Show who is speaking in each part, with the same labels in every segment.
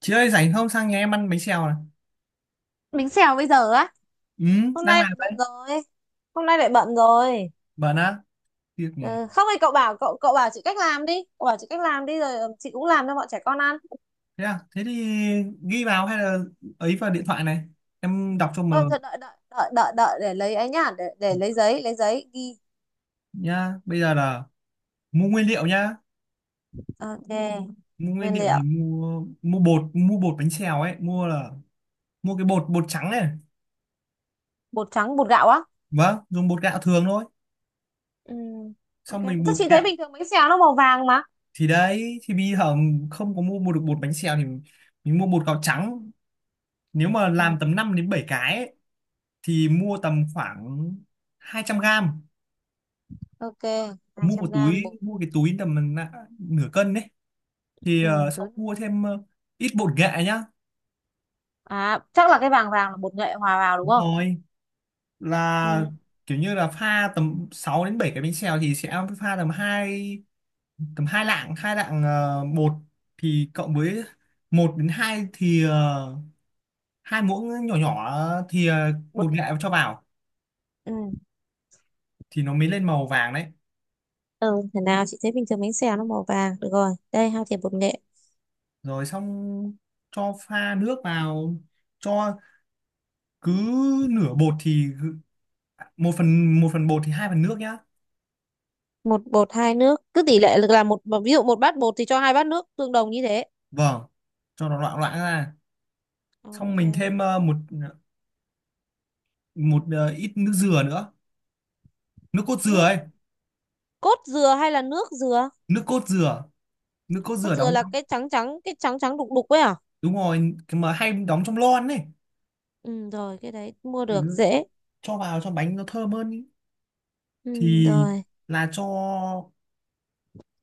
Speaker 1: Chị ơi rảnh không sang nhà em ăn bánh xèo này.
Speaker 2: Bánh xèo bây giờ á?
Speaker 1: Ừ,
Speaker 2: Hôm
Speaker 1: đang
Speaker 2: nay
Speaker 1: làm
Speaker 2: lại
Speaker 1: đấy.
Speaker 2: bận rồi. Hôm nay lại bận rồi.
Speaker 1: Bận á, việc nhỉ.
Speaker 2: Ừ. Không thì cậu bảo chị cách làm đi rồi chị cũng làm cho bọn trẻ con ăn.
Speaker 1: Thế à? Thế thì ghi vào hay là ấy vào điện thoại này. Em đọc cho
Speaker 2: ờ
Speaker 1: mờ
Speaker 2: thật đợi đợi đợi đợi đợi để lấy ấy nhá, để lấy giấy ghi.
Speaker 1: nhá. Bây giờ là mua nguyên liệu nhá.
Speaker 2: Ok.
Speaker 1: Mua nguyên
Speaker 2: Nguyên
Speaker 1: liệu
Speaker 2: liệu.
Speaker 1: thì mua mua bột bánh xèo ấy, mua là mua cái bột bột trắng này.
Speaker 2: Bột trắng, bột gạo á?
Speaker 1: Vâng, dùng bột gạo thường thôi.
Speaker 2: Ừ, ok.
Speaker 1: Xong mình
Speaker 2: Chắc
Speaker 1: bột
Speaker 2: chị thấy
Speaker 1: gạo
Speaker 2: bình thường bánh xèo nó màu vàng mà.
Speaker 1: thì đấy thì bây giờ không có mua mua được bột bánh xèo thì mình mua bột gạo trắng. Nếu mà
Speaker 2: Ừ,
Speaker 1: làm tầm 5 đến 7 cái ấy, thì mua tầm khoảng 200 g
Speaker 2: ok.
Speaker 1: mua
Speaker 2: 200
Speaker 1: một
Speaker 2: gram bột.
Speaker 1: túi mua cái túi tầm nửa cân đấy thì
Speaker 2: Ừ.
Speaker 1: xong
Speaker 2: Thứ-
Speaker 1: mua thêm ít bột nghệ nhá.
Speaker 2: à, chắc là cái vàng vàng là bột nghệ hòa vào đúng
Speaker 1: Đúng
Speaker 2: không?
Speaker 1: rồi, là
Speaker 2: Ừ.
Speaker 1: kiểu như là pha tầm 6 đến 7 cái bánh xèo thì sẽ pha tầm hai tầm hai lạng bột thì cộng với một đến hai thì hai muỗng nhỏ nhỏ thì
Speaker 2: Bột
Speaker 1: bột nghệ
Speaker 2: nghệ.
Speaker 1: cho vào
Speaker 2: Ừ.
Speaker 1: thì nó mới lên màu vàng đấy.
Speaker 2: Ừ, thế nào chị thấy bình thường bánh xèo nó màu vàng. Được rồi, đây hai thìa bột nghệ.
Speaker 1: Rồi xong cho pha nước vào, cho cứ nửa bột thì một phần bột thì hai phần nước nhá.
Speaker 2: Một bột hai nước. Cứ tỷ lệ là một, ví dụ một bát bột thì cho hai bát nước tương đồng như thế.
Speaker 1: Vâng, cho nó loãng loãng ra. Xong mình
Speaker 2: Ok.
Speaker 1: thêm một một ít nước dừa nữa, nước cốt dừa
Speaker 2: Nước
Speaker 1: ấy.
Speaker 2: cốt dừa hay là nước dừa?
Speaker 1: Nước cốt dừa, nước cốt
Speaker 2: Cốt
Speaker 1: dừa
Speaker 2: dừa
Speaker 1: đóng.
Speaker 2: là cái trắng trắng đục đục ấy à?
Speaker 1: Đúng rồi, cái mà hay đóng trong lon ấy.
Speaker 2: Ừ rồi, cái đấy mua được
Speaker 1: Ừ,
Speaker 2: dễ.
Speaker 1: cho vào cho bánh nó thơm hơn ý.
Speaker 2: Ừ
Speaker 1: Thì
Speaker 2: rồi.
Speaker 1: là cho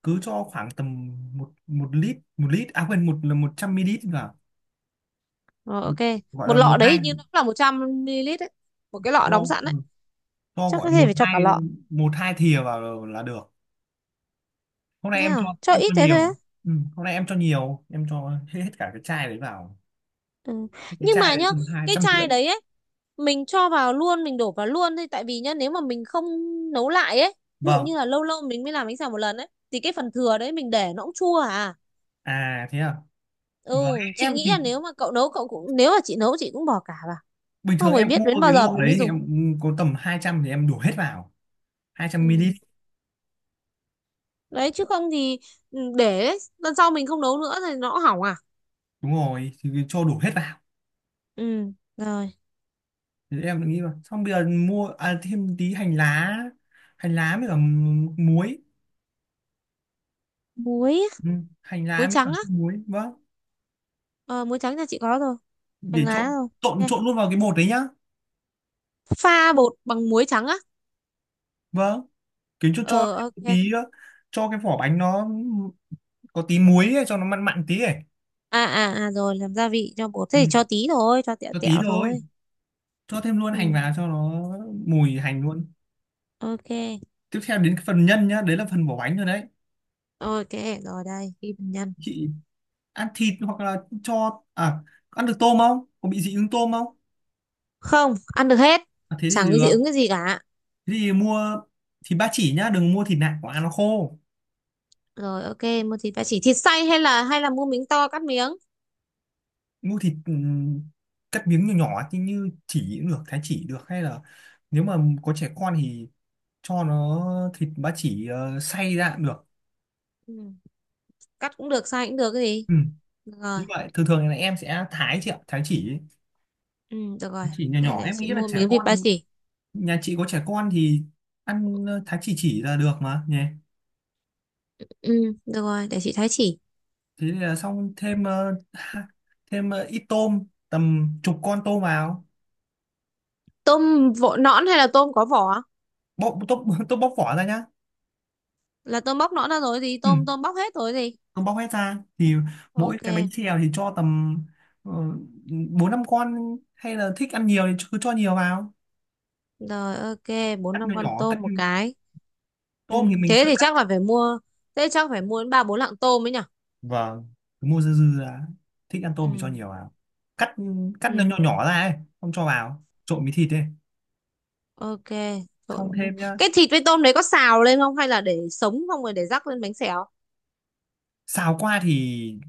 Speaker 1: cứ cho khoảng tầm một một lít à quên một là 100 ml vào,
Speaker 2: Rồi ok.
Speaker 1: gọi
Speaker 2: Một
Speaker 1: là một
Speaker 2: lọ
Speaker 1: hai
Speaker 2: đấy như nó cũng là 100 ml đấy. Một cái lọ đóng
Speaker 1: cho,
Speaker 2: sẵn đấy.
Speaker 1: cho
Speaker 2: Chắc
Speaker 1: gọi
Speaker 2: có thể phải cho cả lọ.
Speaker 1: một hai thìa vào là được. Hôm nay
Speaker 2: Nhá? Cho
Speaker 1: em
Speaker 2: ít
Speaker 1: cho
Speaker 2: thế thôi á?
Speaker 1: nhiều. Ừ, hôm nay em cho nhiều em cho hết, hết cả cái chai đấy vào.
Speaker 2: Ừ.
Speaker 1: Hết cái
Speaker 2: Nhưng
Speaker 1: chai
Speaker 2: mà
Speaker 1: đấy
Speaker 2: nhá,
Speaker 1: tầm hai
Speaker 2: cái
Speaker 1: trăm rưỡi
Speaker 2: chai đấy ấy, mình cho vào luôn, mình đổ vào luôn thôi, tại vì nhá, nếu mà mình không nấu lại ấy, ví dụ
Speaker 1: Vâng.
Speaker 2: như là lâu lâu mình mới làm bánh xèo một lần ấy thì cái phần thừa đấy mình để nó cũng chua à.
Speaker 1: À thế à.
Speaker 2: Ừ,
Speaker 1: Vâng,
Speaker 2: chị
Speaker 1: em
Speaker 2: nghĩ là
Speaker 1: thì
Speaker 2: nếu mà cậu nấu cậu cũng, nếu mà chị nấu chị cũng bỏ cả vào.
Speaker 1: bình thường
Speaker 2: Không phải
Speaker 1: em
Speaker 2: biết đến
Speaker 1: mua cái
Speaker 2: bao giờ
Speaker 1: lọ
Speaker 2: mình
Speaker 1: đấy
Speaker 2: mới
Speaker 1: thì
Speaker 2: dùng.
Speaker 1: em có tầm 200 thì em đổ hết vào,
Speaker 2: Ừ.
Speaker 1: 200 ml.
Speaker 2: Đấy chứ không thì để đấy, lần sau mình không nấu nữa thì nó hỏng à.
Speaker 1: Đúng rồi, thì cho đổ hết vào.
Speaker 2: Ừ, rồi.
Speaker 1: Thì em lại nghĩ là xong bây giờ mua, à, thêm tí hành lá, hành lá với cả muối.
Speaker 2: Muối, á,
Speaker 1: Ừ, hành lá
Speaker 2: muối
Speaker 1: với cả
Speaker 2: trắng á.
Speaker 1: muối. Vâng,
Speaker 2: Ờ, muối trắng nhà chị có rồi. Hành
Speaker 1: để
Speaker 2: lá
Speaker 1: trộn
Speaker 2: rồi.
Speaker 1: trộn
Speaker 2: Ok.
Speaker 1: trộn luôn vào cái bột đấy nhá.
Speaker 2: Pha bột bằng muối trắng á.
Speaker 1: Vâng, kiếm cho
Speaker 2: Ờ
Speaker 1: thêm một
Speaker 2: ok.
Speaker 1: tí cho cái vỏ bánh nó có tí muối ấy, cho nó mặn mặn tí ấy.
Speaker 2: Rồi, làm gia vị cho bột, thế
Speaker 1: Ừ,
Speaker 2: thì cho tí thôi, cho tẹo
Speaker 1: cho tí
Speaker 2: tẹo
Speaker 1: thôi,
Speaker 2: thôi.
Speaker 1: cho thêm luôn hành
Speaker 2: Ừ.
Speaker 1: vào cho nó mùi hành luôn.
Speaker 2: Ok,
Speaker 1: Tiếp theo đến cái phần nhân nhá, đấy là phần vỏ bánh rồi đấy.
Speaker 2: ok. Rồi đây ghi bằng nhân.
Speaker 1: Chị ăn thịt hoặc là cho, à, ăn được tôm không, có bị dị ứng tôm không?
Speaker 2: Không, ăn được hết.
Speaker 1: À, thế thì
Speaker 2: Chẳng
Speaker 1: được.
Speaker 2: cái gì ứng cái gì cả.
Speaker 1: Thế thì mua thịt ba chỉ nhá, đừng mua thịt nạc của ăn nó khô.
Speaker 2: Rồi ok, mua thịt ba chỉ, thịt xay hay là mua miếng to cắt miếng?
Speaker 1: Mua thịt cắt miếng nhỏ nhỏ như, như chỉ cũng được, thái chỉ được, hay là nếu mà có trẻ con thì cho nó thịt ba chỉ xay ra cũng được.
Speaker 2: Ừ, cắt cũng được, xay cũng được, cái gì.
Speaker 1: Ừ,
Speaker 2: Được
Speaker 1: như
Speaker 2: rồi.
Speaker 1: vậy thường thường là em sẽ thái chị ạ, thái chỉ ấy.
Speaker 2: Ừ, được
Speaker 1: Thái
Speaker 2: rồi.
Speaker 1: chỉ nhỏ
Speaker 2: Đây,
Speaker 1: nhỏ
Speaker 2: để
Speaker 1: em
Speaker 2: chị
Speaker 1: nghĩ là
Speaker 2: mua
Speaker 1: trẻ
Speaker 2: miếng thịt ba
Speaker 1: con,
Speaker 2: chỉ.
Speaker 1: nhà chị có trẻ con thì ăn thái chỉ là được mà nhỉ.
Speaker 2: Ừ, được rồi, để chị thái chỉ.
Speaker 1: Thế là xong, thêm thêm ít tôm, tầm chục con tôm vào.
Speaker 2: Tôm vỏ nõn hay là tôm có vỏ?
Speaker 1: Bóc tôm tôm bóc vỏ ra nhá.
Speaker 2: Là tôm bóc nõn ra rồi gì,
Speaker 1: Ừ,
Speaker 2: tôm tôm bóc hết rồi gì.
Speaker 1: tôi bóc hết ra thì mỗi
Speaker 2: Ok.
Speaker 1: cái bánh xèo thì cho tầm ờ, bốn năm con, hay là thích ăn nhiều thì cứ cho nhiều vào.
Speaker 2: Rồi ok, bốn
Speaker 1: Cắt
Speaker 2: năm
Speaker 1: nhỏ
Speaker 2: con
Speaker 1: nhỏ, cắt
Speaker 2: tôm một cái. Ừ,
Speaker 1: tôm thì mình,
Speaker 2: thế thì chắc là phải mua, thế chắc phải mua đến ba bốn lạng tôm ấy nhỉ?
Speaker 1: vâng, cứ mua dư dư ra, thích ăn
Speaker 2: Ừ,
Speaker 1: tôm thì cho nhiều vào. Cắt, cắt nó nhỏ
Speaker 2: ừ,
Speaker 1: nhỏ ra ấy, không cho vào trộn với thịt ấy.
Speaker 2: ok.
Speaker 1: Xong
Speaker 2: Trộn, đấy.
Speaker 1: thêm nhá.
Speaker 2: Cái thịt với tôm đấy có xào lên không hay là để sống không rồi để rắc lên bánh xèo?
Speaker 1: Xào qua thì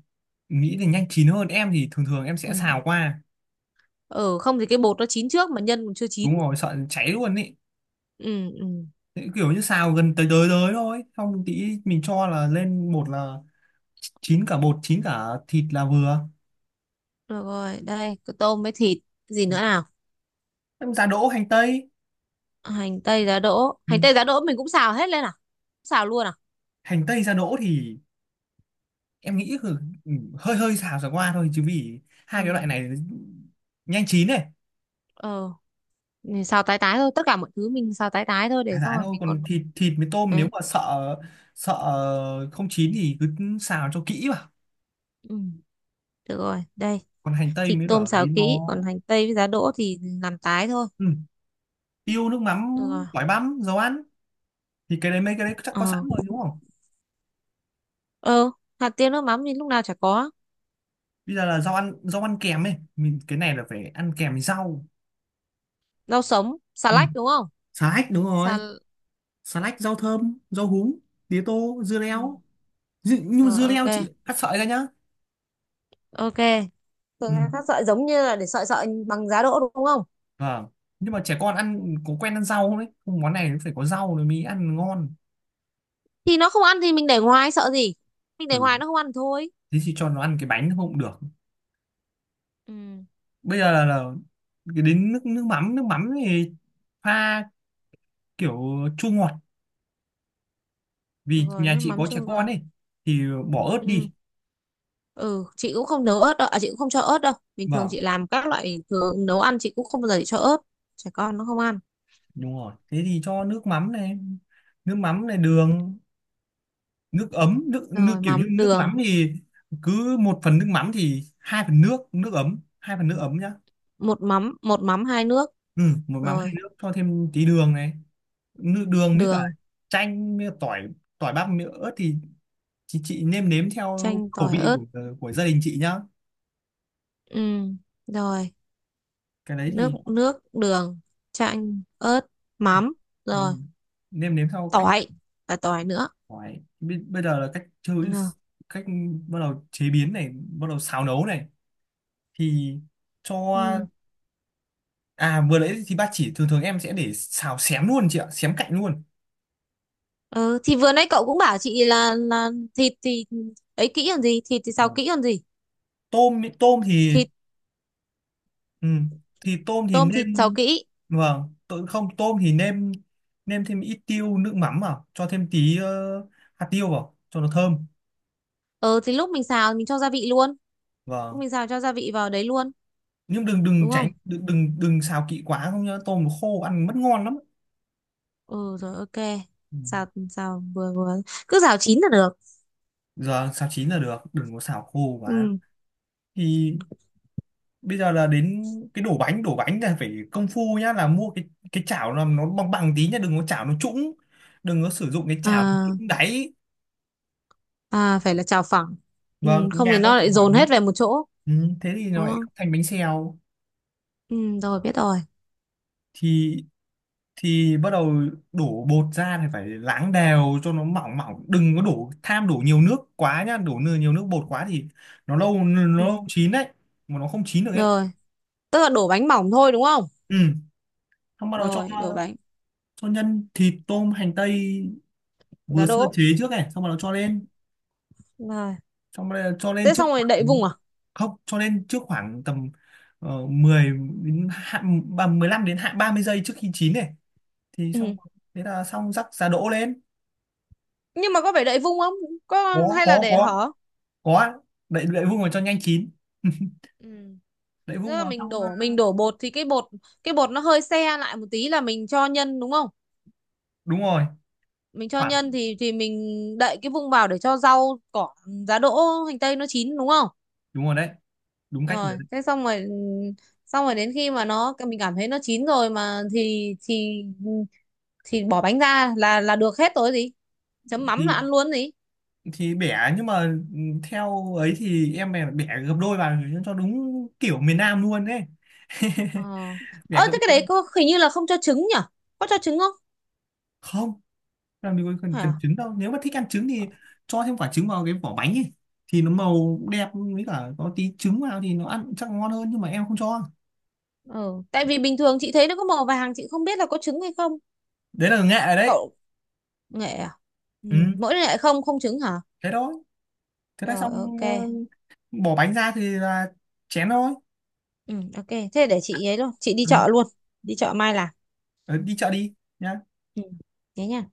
Speaker 1: nghĩ thì nhanh chín hơn, em thì thường thường em
Speaker 2: Ừ.
Speaker 1: sẽ xào qua.
Speaker 2: Ừ, không thì cái bột nó chín trước mà nhân còn chưa chín.
Speaker 1: Đúng rồi, sợ cháy luôn ý.
Speaker 2: Ừ, ừ.
Speaker 1: Thế kiểu như xào gần tới tới tới thôi, xong tí mình cho là lên bột là chín cả bột chín cả thịt là vừa.
Speaker 2: Được rồi, đây, có tôm với thịt, gì nữa nào?
Speaker 1: Em giá đỗ hành tây.
Speaker 2: Hành tây giá đỗ,
Speaker 1: Ừ,
Speaker 2: hành tây giá đỗ mình cũng xào hết lên à? Xào luôn à?
Speaker 1: hành tây giá đỗ thì em nghĩ hơi hơi xào sả qua thôi chứ vì hai
Speaker 2: Ừ.
Speaker 1: cái loại này nhanh chín này.
Speaker 2: Ờ, mình xào tái tái thôi, tất cả mọi thứ mình xào tái tái thôi để
Speaker 1: Thái
Speaker 2: xong
Speaker 1: thái
Speaker 2: rồi
Speaker 1: thôi,
Speaker 2: mình
Speaker 1: còn
Speaker 2: còn.
Speaker 1: thịt thịt với tôm
Speaker 2: Đấy.
Speaker 1: nếu mà sợ, sợ không chín thì cứ xào cho kỹ vào.
Speaker 2: Ừ, được rồi, đây,
Speaker 1: Còn hành tây
Speaker 2: thịt
Speaker 1: mới
Speaker 2: tôm
Speaker 1: bảo
Speaker 2: xào
Speaker 1: ấy nó,
Speaker 2: kỹ, còn hành tây với giá đỗ thì làm tái thôi.
Speaker 1: ừ, tiêu nước mắm,
Speaker 2: Được rồi.
Speaker 1: tỏi băm dầu ăn thì cái đấy mấy cái đấy chắc có sẵn
Speaker 2: Ờ,
Speaker 1: rồi đúng không.
Speaker 2: ờ, hạt tiêu nước mắm thì lúc nào chả có.
Speaker 1: Bây giờ là rau ăn, rau ăn kèm ấy, mình cái này là phải ăn kèm với rau.
Speaker 2: Rau sống, xà
Speaker 1: Ừ,
Speaker 2: lách đúng không?
Speaker 1: xà lách đúng
Speaker 2: Xà...
Speaker 1: rồi, xà lách, rau thơm, rau húng, tía tô, dưa
Speaker 2: Ừ.
Speaker 1: leo. Nhưng mà
Speaker 2: Rồi,
Speaker 1: dưa leo
Speaker 2: ok,
Speaker 1: chị cắt sợi ra nhá.
Speaker 2: ok. Thường
Speaker 1: Ừ.
Speaker 2: là các sợi giống như là để sợi sợi bằng giá đỗ đúng không?
Speaker 1: Vâng. Nhưng mà trẻ con ăn có quen ăn rau không đấy? Không, món này nó phải có rau rồi mới ăn ngon.
Speaker 2: Thì nó không ăn thì mình để ngoài, sợ gì? Mình để
Speaker 1: Ừ.
Speaker 2: ngoài nó không ăn thì thôi.
Speaker 1: Thế thì cho nó ăn cái bánh không cũng được.
Speaker 2: Ừ,
Speaker 1: Bây giờ là cái đến nước, nước mắm thì pha kiểu chua ngọt
Speaker 2: được
Speaker 1: vì
Speaker 2: rồi,
Speaker 1: nhà
Speaker 2: nước
Speaker 1: chị
Speaker 2: mắm
Speaker 1: có trẻ
Speaker 2: chua
Speaker 1: con
Speaker 2: ngọt.
Speaker 1: ấy thì bỏ ớt
Speaker 2: Ừ,
Speaker 1: đi.
Speaker 2: ừ, chị cũng không nấu ớt đâu, à, chị cũng không cho ớt đâu. Bình thường
Speaker 1: Vâng,
Speaker 2: chị làm các loại thường nấu ăn chị cũng không bao giờ chị cho ớt. Trẻ con nó không ăn.
Speaker 1: đúng rồi. Thế thì cho nước mắm này đường, nước ấm, nước, nước
Speaker 2: Rồi,
Speaker 1: kiểu như
Speaker 2: mắm
Speaker 1: nước
Speaker 2: đường.
Speaker 1: mắm thì cứ một phần nước mắm thì hai phần nước, nước ấm, hai phần nước ấm nhá.
Speaker 2: Một mắm hai nước.
Speaker 1: Ừ, một mắm hai
Speaker 2: Rồi.
Speaker 1: nước, cho thêm tí đường này, nữ đường với cả
Speaker 2: Đường.
Speaker 1: chanh với cả tỏi, tỏi bắp nữa thì chị nêm nếm theo
Speaker 2: Chanh,
Speaker 1: khẩu
Speaker 2: tỏi,
Speaker 1: vị
Speaker 2: ớt.
Speaker 1: của gia đình chị nhá.
Speaker 2: Ừ. Rồi.
Speaker 1: Cái đấy
Speaker 2: nước
Speaker 1: thì,
Speaker 2: nước đường, chanh, ớt,
Speaker 1: ừ,
Speaker 2: mắm.
Speaker 1: đúng
Speaker 2: Rồi.
Speaker 1: rồi. Nêm nếm theo cách
Speaker 2: Tỏi. Và tỏi nữa.
Speaker 1: tỏi bây, bây giờ là cách chơi,
Speaker 2: Ừ.
Speaker 1: cách bắt đầu chế biến này, bắt đầu xào nấu này thì cho.
Speaker 2: Ừ.
Speaker 1: À vừa nãy thì bác chỉ thường thường em sẽ để xào xém luôn chị ạ, xém cạnh luôn.
Speaker 2: Ừ. Thì vừa nãy cậu cũng bảo chị là thịt thì ấy kỹ còn gì thịt thì xào
Speaker 1: Vâng,
Speaker 2: kỹ còn gì.
Speaker 1: tôm ý, tôm thì.
Speaker 2: Thịt.
Speaker 1: Ừ. Thì tôm thì
Speaker 2: Tôm, thịt xào
Speaker 1: nên,
Speaker 2: kỹ.
Speaker 1: vâng, tôi không tôm thì nêm, nêm thêm ít tiêu nước mắm vào, cho thêm tí hạt tiêu vào cho nó thơm.
Speaker 2: Ừ, thì lúc mình xào mình cho gia vị luôn. Lúc
Speaker 1: Vâng.
Speaker 2: mình xào cho gia vị vào đấy luôn.
Speaker 1: Nhưng đừng đừng
Speaker 2: Đúng
Speaker 1: tránh
Speaker 2: không?
Speaker 1: đừng đừng đừng xào kỹ quá không nhá, tôm nó khô ăn mất ngon lắm.
Speaker 2: Ừ rồi, ok.
Speaker 1: Ừ.
Speaker 2: Xào xào vừa vừa, cứ xào chín là được.
Speaker 1: Giờ xào chín là được, đừng có xào khô
Speaker 2: Ừ.
Speaker 1: quá. Thì bây giờ là đến cái đổ bánh là phải công phu nhá, là mua cái chảo là nó bằng bằng tí nhá, đừng có chảo nó trũng, đừng có sử dụng cái chảo
Speaker 2: à
Speaker 1: trũng đáy.
Speaker 2: à phải là chào phẳng. Ừ,
Speaker 1: Vâng,
Speaker 2: không thì
Speaker 1: nhà có
Speaker 2: nó
Speaker 1: chảo
Speaker 2: lại
Speaker 1: phẳng
Speaker 2: dồn
Speaker 1: nhá.
Speaker 2: hết về một chỗ.
Speaker 1: Ừ, thế thì nó
Speaker 2: Đúng
Speaker 1: lại
Speaker 2: không?
Speaker 1: không thành bánh xèo.
Speaker 2: Ừ, rồi, biết rồi.
Speaker 1: Thì bắt đầu đổ bột ra thì phải láng đều cho nó mỏng mỏng, đừng có đổ tham đổ nhiều nước quá nhá, đổ nhiều nước bột quá thì nó
Speaker 2: Ừ,
Speaker 1: lâu chín đấy mà nó không chín được ấy.
Speaker 2: rồi. Tức là đổ bánh mỏng thôi đúng không?
Speaker 1: Ừ, xong bắt đầu cho
Speaker 2: Rồi, đổ bánh.
Speaker 1: cho nhân thịt tôm hành tây vừa
Speaker 2: Giá
Speaker 1: sơ
Speaker 2: đỗ.
Speaker 1: chế trước này xong bắt đầu cho lên.
Speaker 2: Rồi
Speaker 1: Xong bắt đầu cho lên
Speaker 2: thế
Speaker 1: trước
Speaker 2: xong rồi đậy
Speaker 1: khoảng,
Speaker 2: vung à?
Speaker 1: không cho lên trước khoảng tầm 10 đến hạ, 15 đến hạ 30 giây trước khi chín này thì xong
Speaker 2: Ừ.
Speaker 1: thế là xong rắc giá đỗ lên.
Speaker 2: Nhưng mà có phải đậy vung không, có
Speaker 1: có
Speaker 2: hay là
Speaker 1: có
Speaker 2: để
Speaker 1: có
Speaker 2: hở?
Speaker 1: có đậy, đậy vung vào cho nhanh chín.
Speaker 2: Ừ.
Speaker 1: Đậy
Speaker 2: Tức
Speaker 1: vung
Speaker 2: là
Speaker 1: vào
Speaker 2: mình
Speaker 1: xong
Speaker 2: đổ mình đổ bột thì cái bột nó hơi se lại một tí là mình cho nhân đúng không?
Speaker 1: đúng rồi,
Speaker 2: Mình cho
Speaker 1: khoảng,
Speaker 2: nhân thì mình đậy cái vung vào để cho rau cỏ, giá đỗ, hành tây nó chín đúng không?
Speaker 1: đúng rồi đấy, đúng cách nữa
Speaker 2: Rồi
Speaker 1: đấy.
Speaker 2: thế xong rồi, ừ, xong rồi đến khi mà nó mình cảm thấy nó chín rồi mà thì bỏ bánh ra là được hết rồi gì, chấm mắm là
Speaker 1: Thì
Speaker 2: ăn luôn gì.
Speaker 1: bẻ nhưng mà, ừ, theo ấy thì em bẻ, bẻ gấp đôi vào cho đúng kiểu miền Nam luôn đấy.
Speaker 2: Ờ.
Speaker 1: Bẻ
Speaker 2: Ờ,
Speaker 1: gấp
Speaker 2: thế cái
Speaker 1: đôi.
Speaker 2: đấy có, hình như là không cho trứng nhở? Có cho trứng không?
Speaker 1: Không, làm gì có cần, cần
Speaker 2: Hả?
Speaker 1: trứng đâu, nếu mà thích ăn trứng thì cho thêm quả trứng vào cái vỏ bánh ấy thì nó màu đẹp, với cả có tí trứng vào thì nó ăn chắc ngon hơn, nhưng mà em không cho.
Speaker 2: Ờ, tại vì bình thường chị thấy nó có màu vàng, chị không biết là có trứng hay không.
Speaker 1: Đấy là nghệ rồi đấy.
Speaker 2: Cậu. Nghệ à? Ừ.
Speaker 1: Ừ,
Speaker 2: Mỗi nghệ, không, không trứng hả?
Speaker 1: thế thôi, thế là
Speaker 2: Rồi, ok.
Speaker 1: xong. Ờ, Bỏ bánh ra thì là chén thôi.
Speaker 2: Ừ, ok, thế để chị ấy luôn, chị đi
Speaker 1: Ừ.
Speaker 2: chợ luôn. Đi chợ mai làm.
Speaker 1: Ờ, đi chợ đi nhá.
Speaker 2: Ừ. Thế nha.